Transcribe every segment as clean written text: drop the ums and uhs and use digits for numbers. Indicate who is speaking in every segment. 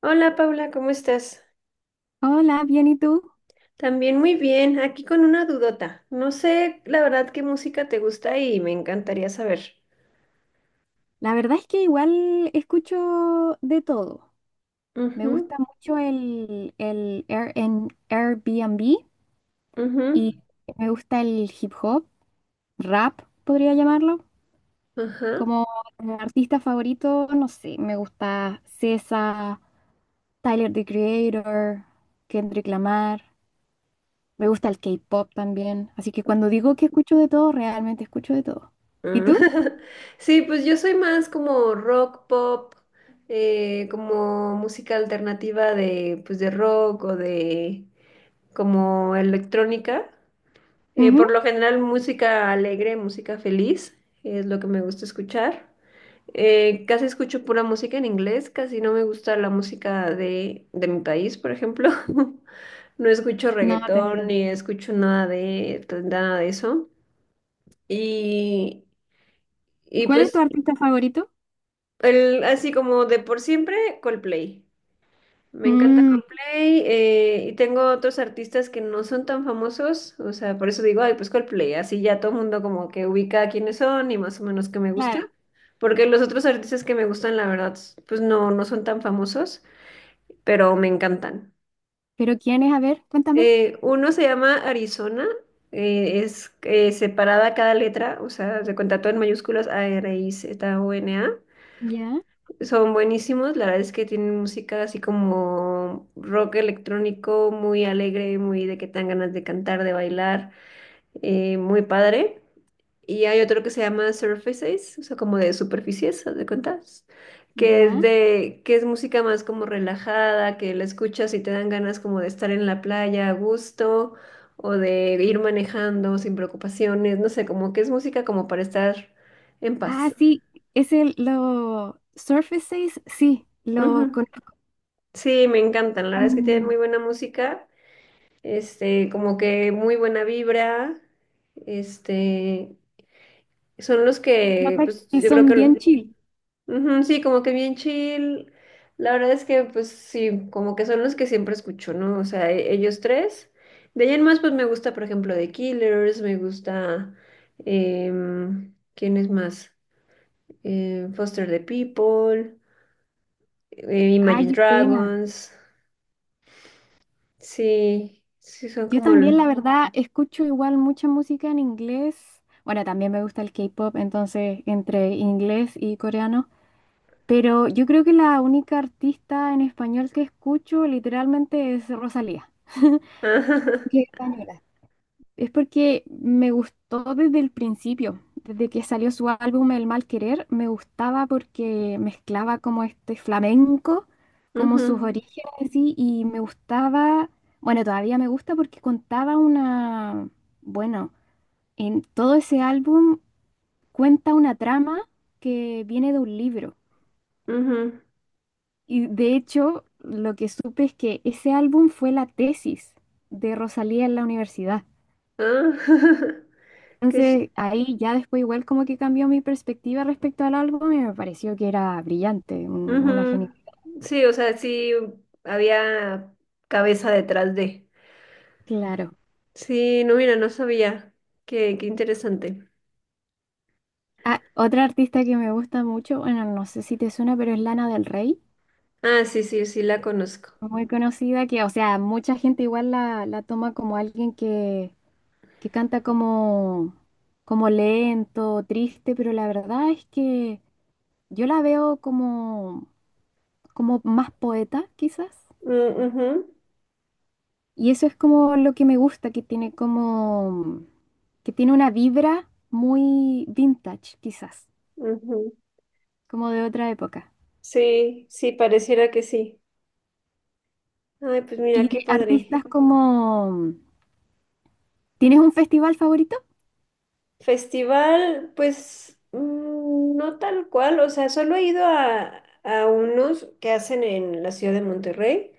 Speaker 1: Hola Paula, ¿cómo estás?
Speaker 2: Hola, bien, ¿y tú?
Speaker 1: También muy bien, aquí con una dudota. No sé la verdad qué música te gusta y me encantaría saber.
Speaker 2: La verdad es que igual escucho de todo. Me
Speaker 1: Ujú,
Speaker 2: gusta mucho en Airbnb y
Speaker 1: ujú,
Speaker 2: me gusta el hip hop, rap, podría llamarlo.
Speaker 1: ajá.
Speaker 2: Como artista favorito, no sé, me gusta SZA, Tyler, the Creator, Kendrick Lamar. Me gusta el K-pop también. Así que cuando digo que escucho de todo, realmente escucho de todo. ¿Y
Speaker 1: Mm.
Speaker 2: tú?
Speaker 1: Sí, pues yo soy más como rock, pop, como música alternativa de, pues de rock o de como electrónica. Por
Speaker 2: Ujú.
Speaker 1: lo general música alegre, música feliz, es lo que me gusta escuchar. Casi escucho pura música en inglés, casi no me gusta la música de mi país, por ejemplo. No escucho
Speaker 2: No, te
Speaker 1: reggaetón
Speaker 2: entiendo.
Speaker 1: ni escucho nada de, pues, nada de eso. Y,
Speaker 2: ¿Y
Speaker 1: y
Speaker 2: cuál es tu
Speaker 1: pues
Speaker 2: artista favorito?
Speaker 1: el, así como de por siempre, Coldplay. Me encanta Coldplay y tengo otros artistas que no son tan famosos, o sea, por eso digo, ay, pues Coldplay, así ya todo el mundo como que ubica quiénes son y más o menos qué me
Speaker 2: Claro.
Speaker 1: gusta, porque los otros artistas que me gustan, la verdad, pues no, no son tan famosos, pero me encantan.
Speaker 2: ¿Pero quién es? A ver, cuéntame.
Speaker 1: Uno se llama Arizona, es separada cada letra, o sea, se cuenta todo en mayúsculas ARIZONA.
Speaker 2: Ya,
Speaker 1: Son buenísimos, la verdad es que tienen música así como rock electrónico, muy alegre, muy de que te dan ganas de cantar, de bailar, muy padre. Y hay otro que se llama Surfaces, o sea, como de superficies, haz de cuentas, que es
Speaker 2: ya.
Speaker 1: de, que es música más como relajada, que la escuchas y te dan ganas como de estar en la playa a gusto, o de ir manejando sin preocupaciones, no sé, como que es música como para estar en
Speaker 2: Ah,
Speaker 1: paz.
Speaker 2: sí, es lo Surfaces, sí, lo
Speaker 1: Ujú.
Speaker 2: conozco.
Speaker 1: Sí, me encantan. La verdad es que tienen
Speaker 2: Son
Speaker 1: muy buena música, como que muy buena vibra, este, son los que,
Speaker 2: notas
Speaker 1: pues,
Speaker 2: que
Speaker 1: yo creo
Speaker 2: son bien
Speaker 1: que,
Speaker 2: chill.
Speaker 1: ujú, sí, como que bien chill. La verdad es que, pues, sí, como que son los que siempre escucho, ¿no? O sea, ellos tres. De ahí en más, pues, me gusta, por ejemplo, The Killers, me gusta, ¿quién es más? Foster the People,
Speaker 2: Ay,
Speaker 1: Imagine
Speaker 2: qué pena.
Speaker 1: Dragons. Sí, sí, son
Speaker 2: Yo
Speaker 1: como
Speaker 2: también, la verdad, escucho igual mucha música en inglés. Bueno, también me gusta el K-pop, entonces entre inglés y coreano. Pero yo creo que la única artista en español que escucho literalmente es Rosalía,
Speaker 1: Ajá.
Speaker 2: porque es española. Es porque me gustó desde el principio, desde que salió su álbum El Mal Querer. Me gustaba porque mezclaba como este flamenco, como
Speaker 1: Ujú,
Speaker 2: sus orígenes así, y me gustaba, bueno, todavía me gusta porque contaba una, bueno, en todo ese álbum cuenta una trama que viene de un libro.
Speaker 1: ujú.
Speaker 2: Y de hecho, lo que supe es que ese álbum fue la tesis de Rosalía en la universidad.
Speaker 1: Ah, qué chi-
Speaker 2: Entonces, ahí ya después igual como que cambió mi perspectiva respecto al álbum y me pareció que era brillante, una genial.
Speaker 1: ujú. Sí, o sea, sí había cabeza detrás de.
Speaker 2: Claro.
Speaker 1: Sí, no, mira, no sabía. Qué, qué interesante.
Speaker 2: Ah, otra artista que me gusta mucho, bueno, no sé si te suena, pero es Lana del Rey,
Speaker 1: Ah, sí, sí, sí la conozco.
Speaker 2: muy conocida, que, o sea, mucha gente igual la toma como alguien que canta como, como lento, triste, pero la verdad es que yo la veo como, como más poeta, quizás.
Speaker 1: Mm, ujú,
Speaker 2: Y eso es como lo que me gusta, que tiene como, que tiene una vibra muy vintage, quizás,
Speaker 1: ujú.
Speaker 2: como de otra época.
Speaker 1: Sí, sí, pareciera que sí. Ay, pues
Speaker 2: Y
Speaker 1: mira, qué
Speaker 2: de
Speaker 1: padre.
Speaker 2: artistas como, ¿tienes un festival favorito?
Speaker 1: Festival, pues no tal cual, o sea, solo he ido a unos que hacen en la ciudad de Monterrey.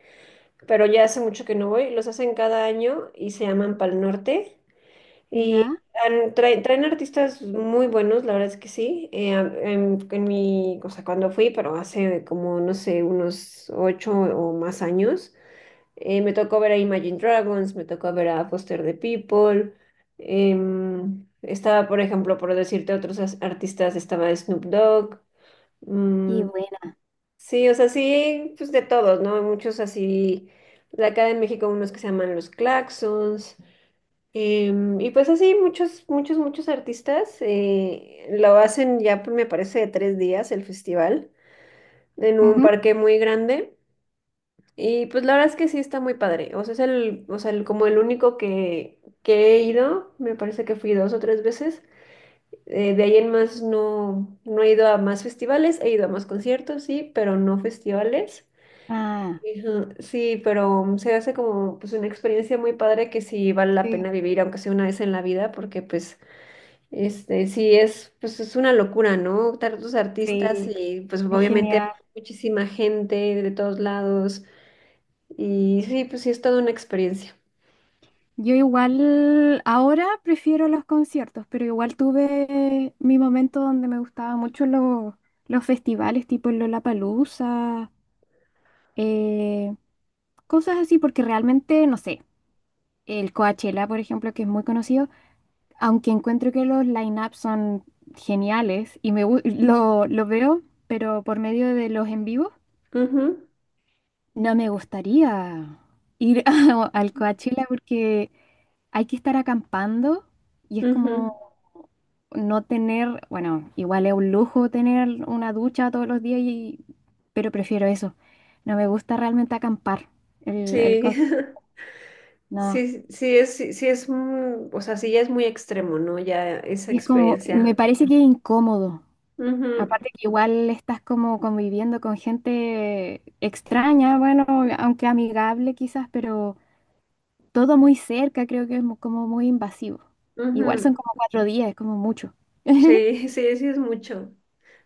Speaker 1: Pero ya hace mucho que no voy. Los hacen cada año y se llaman Pal Norte. Y
Speaker 2: Ya.
Speaker 1: traen, traen artistas muy buenos, la verdad es que sí. En mi, o sea, cuando fui, pero hace como, no sé, unos 8 o más años, me tocó ver a Imagine Dragons, me tocó ver a Foster the People. Estaba, por ejemplo, por decirte otros artistas, estaba Snoop Dogg. Mm.
Speaker 2: Y buena.
Speaker 1: Sí, o sea, sí, pues de todos, ¿no? Hay muchos así, de acá de México unos que se llaman los Claxons, y pues así muchos, muchos, muchos artistas lo hacen ya, pues, me parece, de 3 días el festival, en un
Speaker 2: Ujú.
Speaker 1: parque muy grande, y pues la verdad es que sí está muy padre, o sea, es el, o sea, como el único que he ido, me parece que fui 2 o 3 veces, de ahí en más no, no he ido a más festivales, he ido a más conciertos, sí, pero no festivales.
Speaker 2: Ah,
Speaker 1: Ajá. Sí, pero se hace como pues una experiencia muy padre que sí vale la
Speaker 2: sí,
Speaker 1: pena vivir, aunque sea una vez en la vida, porque pues este sí es pues es una locura, ¿no? Tantos artistas
Speaker 2: sí,
Speaker 1: y pues
Speaker 2: es
Speaker 1: obviamente hay
Speaker 2: genial.
Speaker 1: muchísima gente de todos lados y sí, pues sí es toda una experiencia.
Speaker 2: Yo igual ahora prefiero los conciertos, pero igual tuve mi momento donde me gustaban mucho los festivales tipo el Lollapalooza. eh, Cosas así, porque realmente, no sé, el Coachella, por ejemplo, que es muy conocido, aunque encuentro que los line-ups son geniales y lo veo, pero por medio de los en vivo,
Speaker 1: Ujú,
Speaker 2: no me gustaría ir al Coachella porque hay que estar acampando y es como
Speaker 1: ujú.
Speaker 2: no tener, bueno, igual es un lujo tener una ducha todos los días, y, pero prefiero eso. No me gusta realmente acampar el
Speaker 1: Sí.
Speaker 2: coso. No.
Speaker 1: Sí, sí es o sea, sí ya es muy extremo, ¿no? Ya esa
Speaker 2: Y es como, me
Speaker 1: experiencia.
Speaker 2: parece que es incómodo.
Speaker 1: Ujú,
Speaker 2: Aparte que igual estás como conviviendo con gente extraña, bueno, aunque amigable quizás, pero todo muy cerca, creo que es como muy invasivo. Igual son
Speaker 1: ujú.
Speaker 2: como cuatro días, es como mucho.
Speaker 1: Sí, sí, sí es mucho.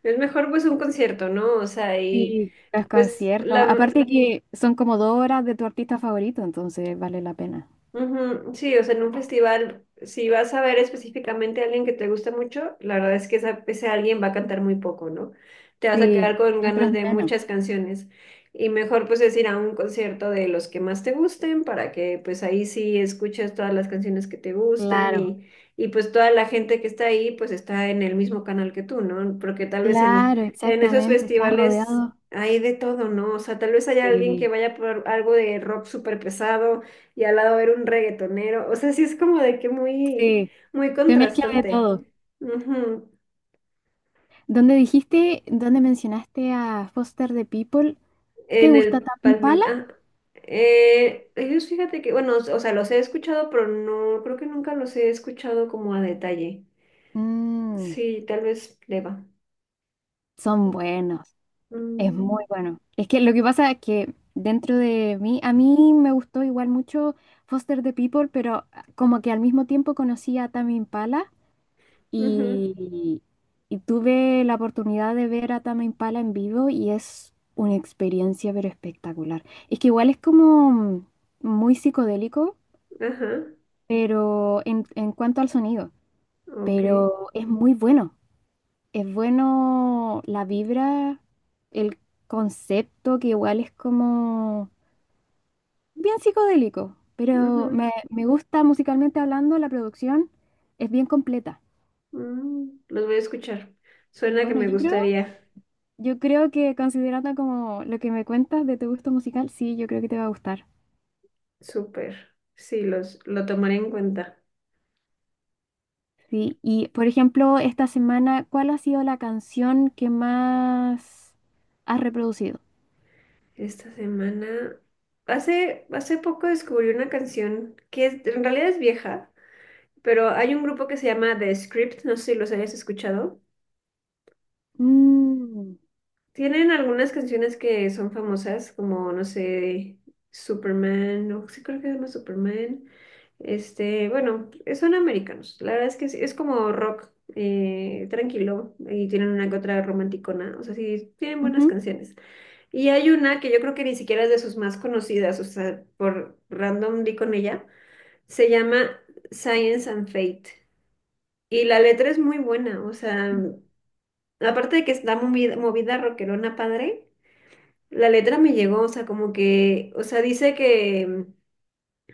Speaker 1: Es mejor pues un concierto, ¿no? O sea, y
Speaker 2: Sí, los
Speaker 1: pues
Speaker 2: conciertos.
Speaker 1: la,
Speaker 2: Aparte que son como dos horas de tu artista favorito, entonces vale la pena.
Speaker 1: ujú. Sí, o sea, en un festival, si vas a ver específicamente a alguien que te gusta mucho, la verdad es que ese alguien va a cantar muy poco, ¿no? Te vas a
Speaker 2: Sí,
Speaker 1: quedar con
Speaker 2: siempre es
Speaker 1: ganas de
Speaker 2: menos.
Speaker 1: muchas canciones. Y mejor pues es ir a un concierto de los que más te gusten para que pues ahí sí escuches todas las canciones que te gustan
Speaker 2: Claro,
Speaker 1: y pues toda la gente que está ahí pues está en el mismo canal que tú, ¿no? Porque tal vez
Speaker 2: claro,
Speaker 1: en esos
Speaker 2: exactamente. Estás
Speaker 1: festivales
Speaker 2: rodeado.
Speaker 1: hay de todo, ¿no? O sea, tal vez haya alguien que
Speaker 2: Sí,
Speaker 1: vaya por algo de rock súper pesado y al lado era un reggaetonero. O sea, sí es como de que muy,
Speaker 2: sí.
Speaker 1: muy
Speaker 2: Se mezcla de
Speaker 1: contrastante.
Speaker 2: todo.
Speaker 1: Ujú.
Speaker 2: Donde dijiste, donde mencionaste a Foster the People, ¿te
Speaker 1: En
Speaker 2: gusta
Speaker 1: el
Speaker 2: Tame
Speaker 1: Pal
Speaker 2: Impala?
Speaker 1: Norte. Ah, ellos fíjate que, bueno, o sea, los he escuchado, pero no, creo que nunca los he escuchado como a detalle.
Speaker 2: Mm,
Speaker 1: Sí, tal vez le va.
Speaker 2: son buenos, es muy
Speaker 1: Mm,
Speaker 2: bueno. Es que lo que pasa es que dentro de mí, a mí me gustó igual mucho Foster the People, pero como que al mismo tiempo conocí a Tame Impala
Speaker 1: ujú,
Speaker 2: y, y tuve la oportunidad de ver a Tame Impala en vivo y es una experiencia pero espectacular. Es que igual es como muy psicodélico,
Speaker 1: ajá,
Speaker 2: pero en cuanto al sonido,
Speaker 1: ok.
Speaker 2: pero es muy bueno. Es bueno la vibra, el concepto, que igual es como bien psicodélico, pero
Speaker 1: Ujú,
Speaker 2: me gusta musicalmente hablando, la producción es bien completa.
Speaker 1: mm, los voy a escuchar.
Speaker 2: Y
Speaker 1: Suena que
Speaker 2: bueno,
Speaker 1: me gustaría.
Speaker 2: yo creo que considerando como lo que me cuentas de tu gusto musical, sí, yo creo que te va a gustar.
Speaker 1: Súper. Sí, los, lo tomaré en cuenta.
Speaker 2: Sí, y por ejemplo, esta semana, ¿cuál ha sido la canción que más has reproducido?
Speaker 1: Esta semana, hace, hace poco descubrí una canción que en realidad es vieja, pero hay un grupo que se llama The Script, no sé si los hayas escuchado.
Speaker 2: Mm,
Speaker 1: Tienen algunas canciones que son famosas, como, no sé, Superman, o sí creo que se llama Superman. Este, bueno, son americanos. La verdad es que es como rock tranquilo y tienen una que otra romanticona. O sea, sí, tienen buenas
Speaker 2: ujú.
Speaker 1: canciones. Y hay una que yo creo que ni siquiera es de sus más conocidas, o sea, por random di con ella, se llama Science and Fate. Y la letra es muy buena, o sea, aparte de que está movida, movida rockerona padre, la letra me llegó, o sea, como que, o sea, dice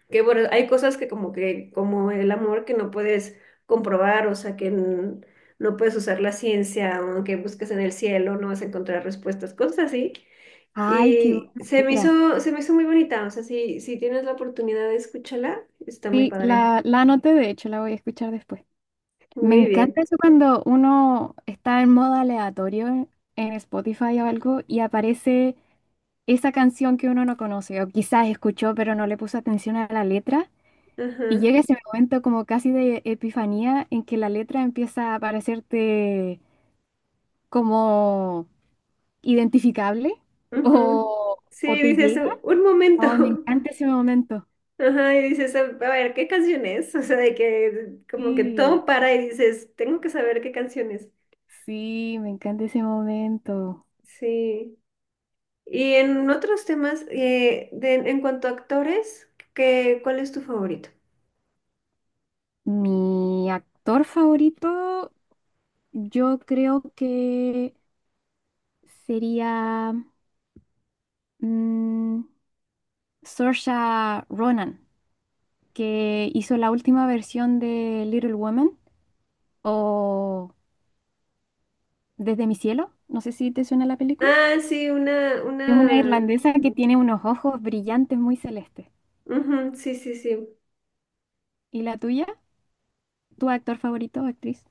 Speaker 1: que bueno, hay cosas que, como el amor que no puedes comprobar, o sea, no puedes usar la ciencia, aunque busques en el cielo, no vas a encontrar respuestas, cosas así.
Speaker 2: Ay, qué
Speaker 1: Y
Speaker 2: buena letra.
Speaker 1: se me hizo muy bonita, o sea, si, si tienes la oportunidad de escucharla, está muy
Speaker 2: Sí,
Speaker 1: padre.
Speaker 2: la anoté, de hecho, la voy a escuchar después. Me
Speaker 1: Muy
Speaker 2: encanta
Speaker 1: bien.
Speaker 2: eso cuando uno está en modo aleatorio en Spotify o algo y aparece esa canción que uno no conoce o quizás escuchó pero no le puso atención a la letra
Speaker 1: Ajá.
Speaker 2: y llega ese momento como casi de epifanía en que la letra empieza a parecerte como identificable
Speaker 1: Ujú.
Speaker 2: o
Speaker 1: Sí,
Speaker 2: te
Speaker 1: dices,
Speaker 2: llega.
Speaker 1: Un momento".
Speaker 2: Oh, me encanta ese momento.
Speaker 1: Ajá, y dices, a ver, ¿qué canción es? O sea, de que como que
Speaker 2: Sí.
Speaker 1: todo para y dices, tengo que saber qué canción es.
Speaker 2: Sí, me encanta ese momento.
Speaker 1: Sí. Y en otros temas, en cuanto a actores, ¿qué, cuál es tu favorito?
Speaker 2: Mi actor favorito, yo creo que sería mm, Saoirse Ronan, que hizo la última versión de Little Women o Desde mi cielo. No sé si te suena la película.
Speaker 1: Ah, sí,
Speaker 2: Es una
Speaker 1: una,
Speaker 2: irlandesa que tiene unos ojos brillantes muy celestes.
Speaker 1: ujú, sí, sí, sí.
Speaker 2: ¿Y la tuya? ¿Tu actor favorito, o actriz?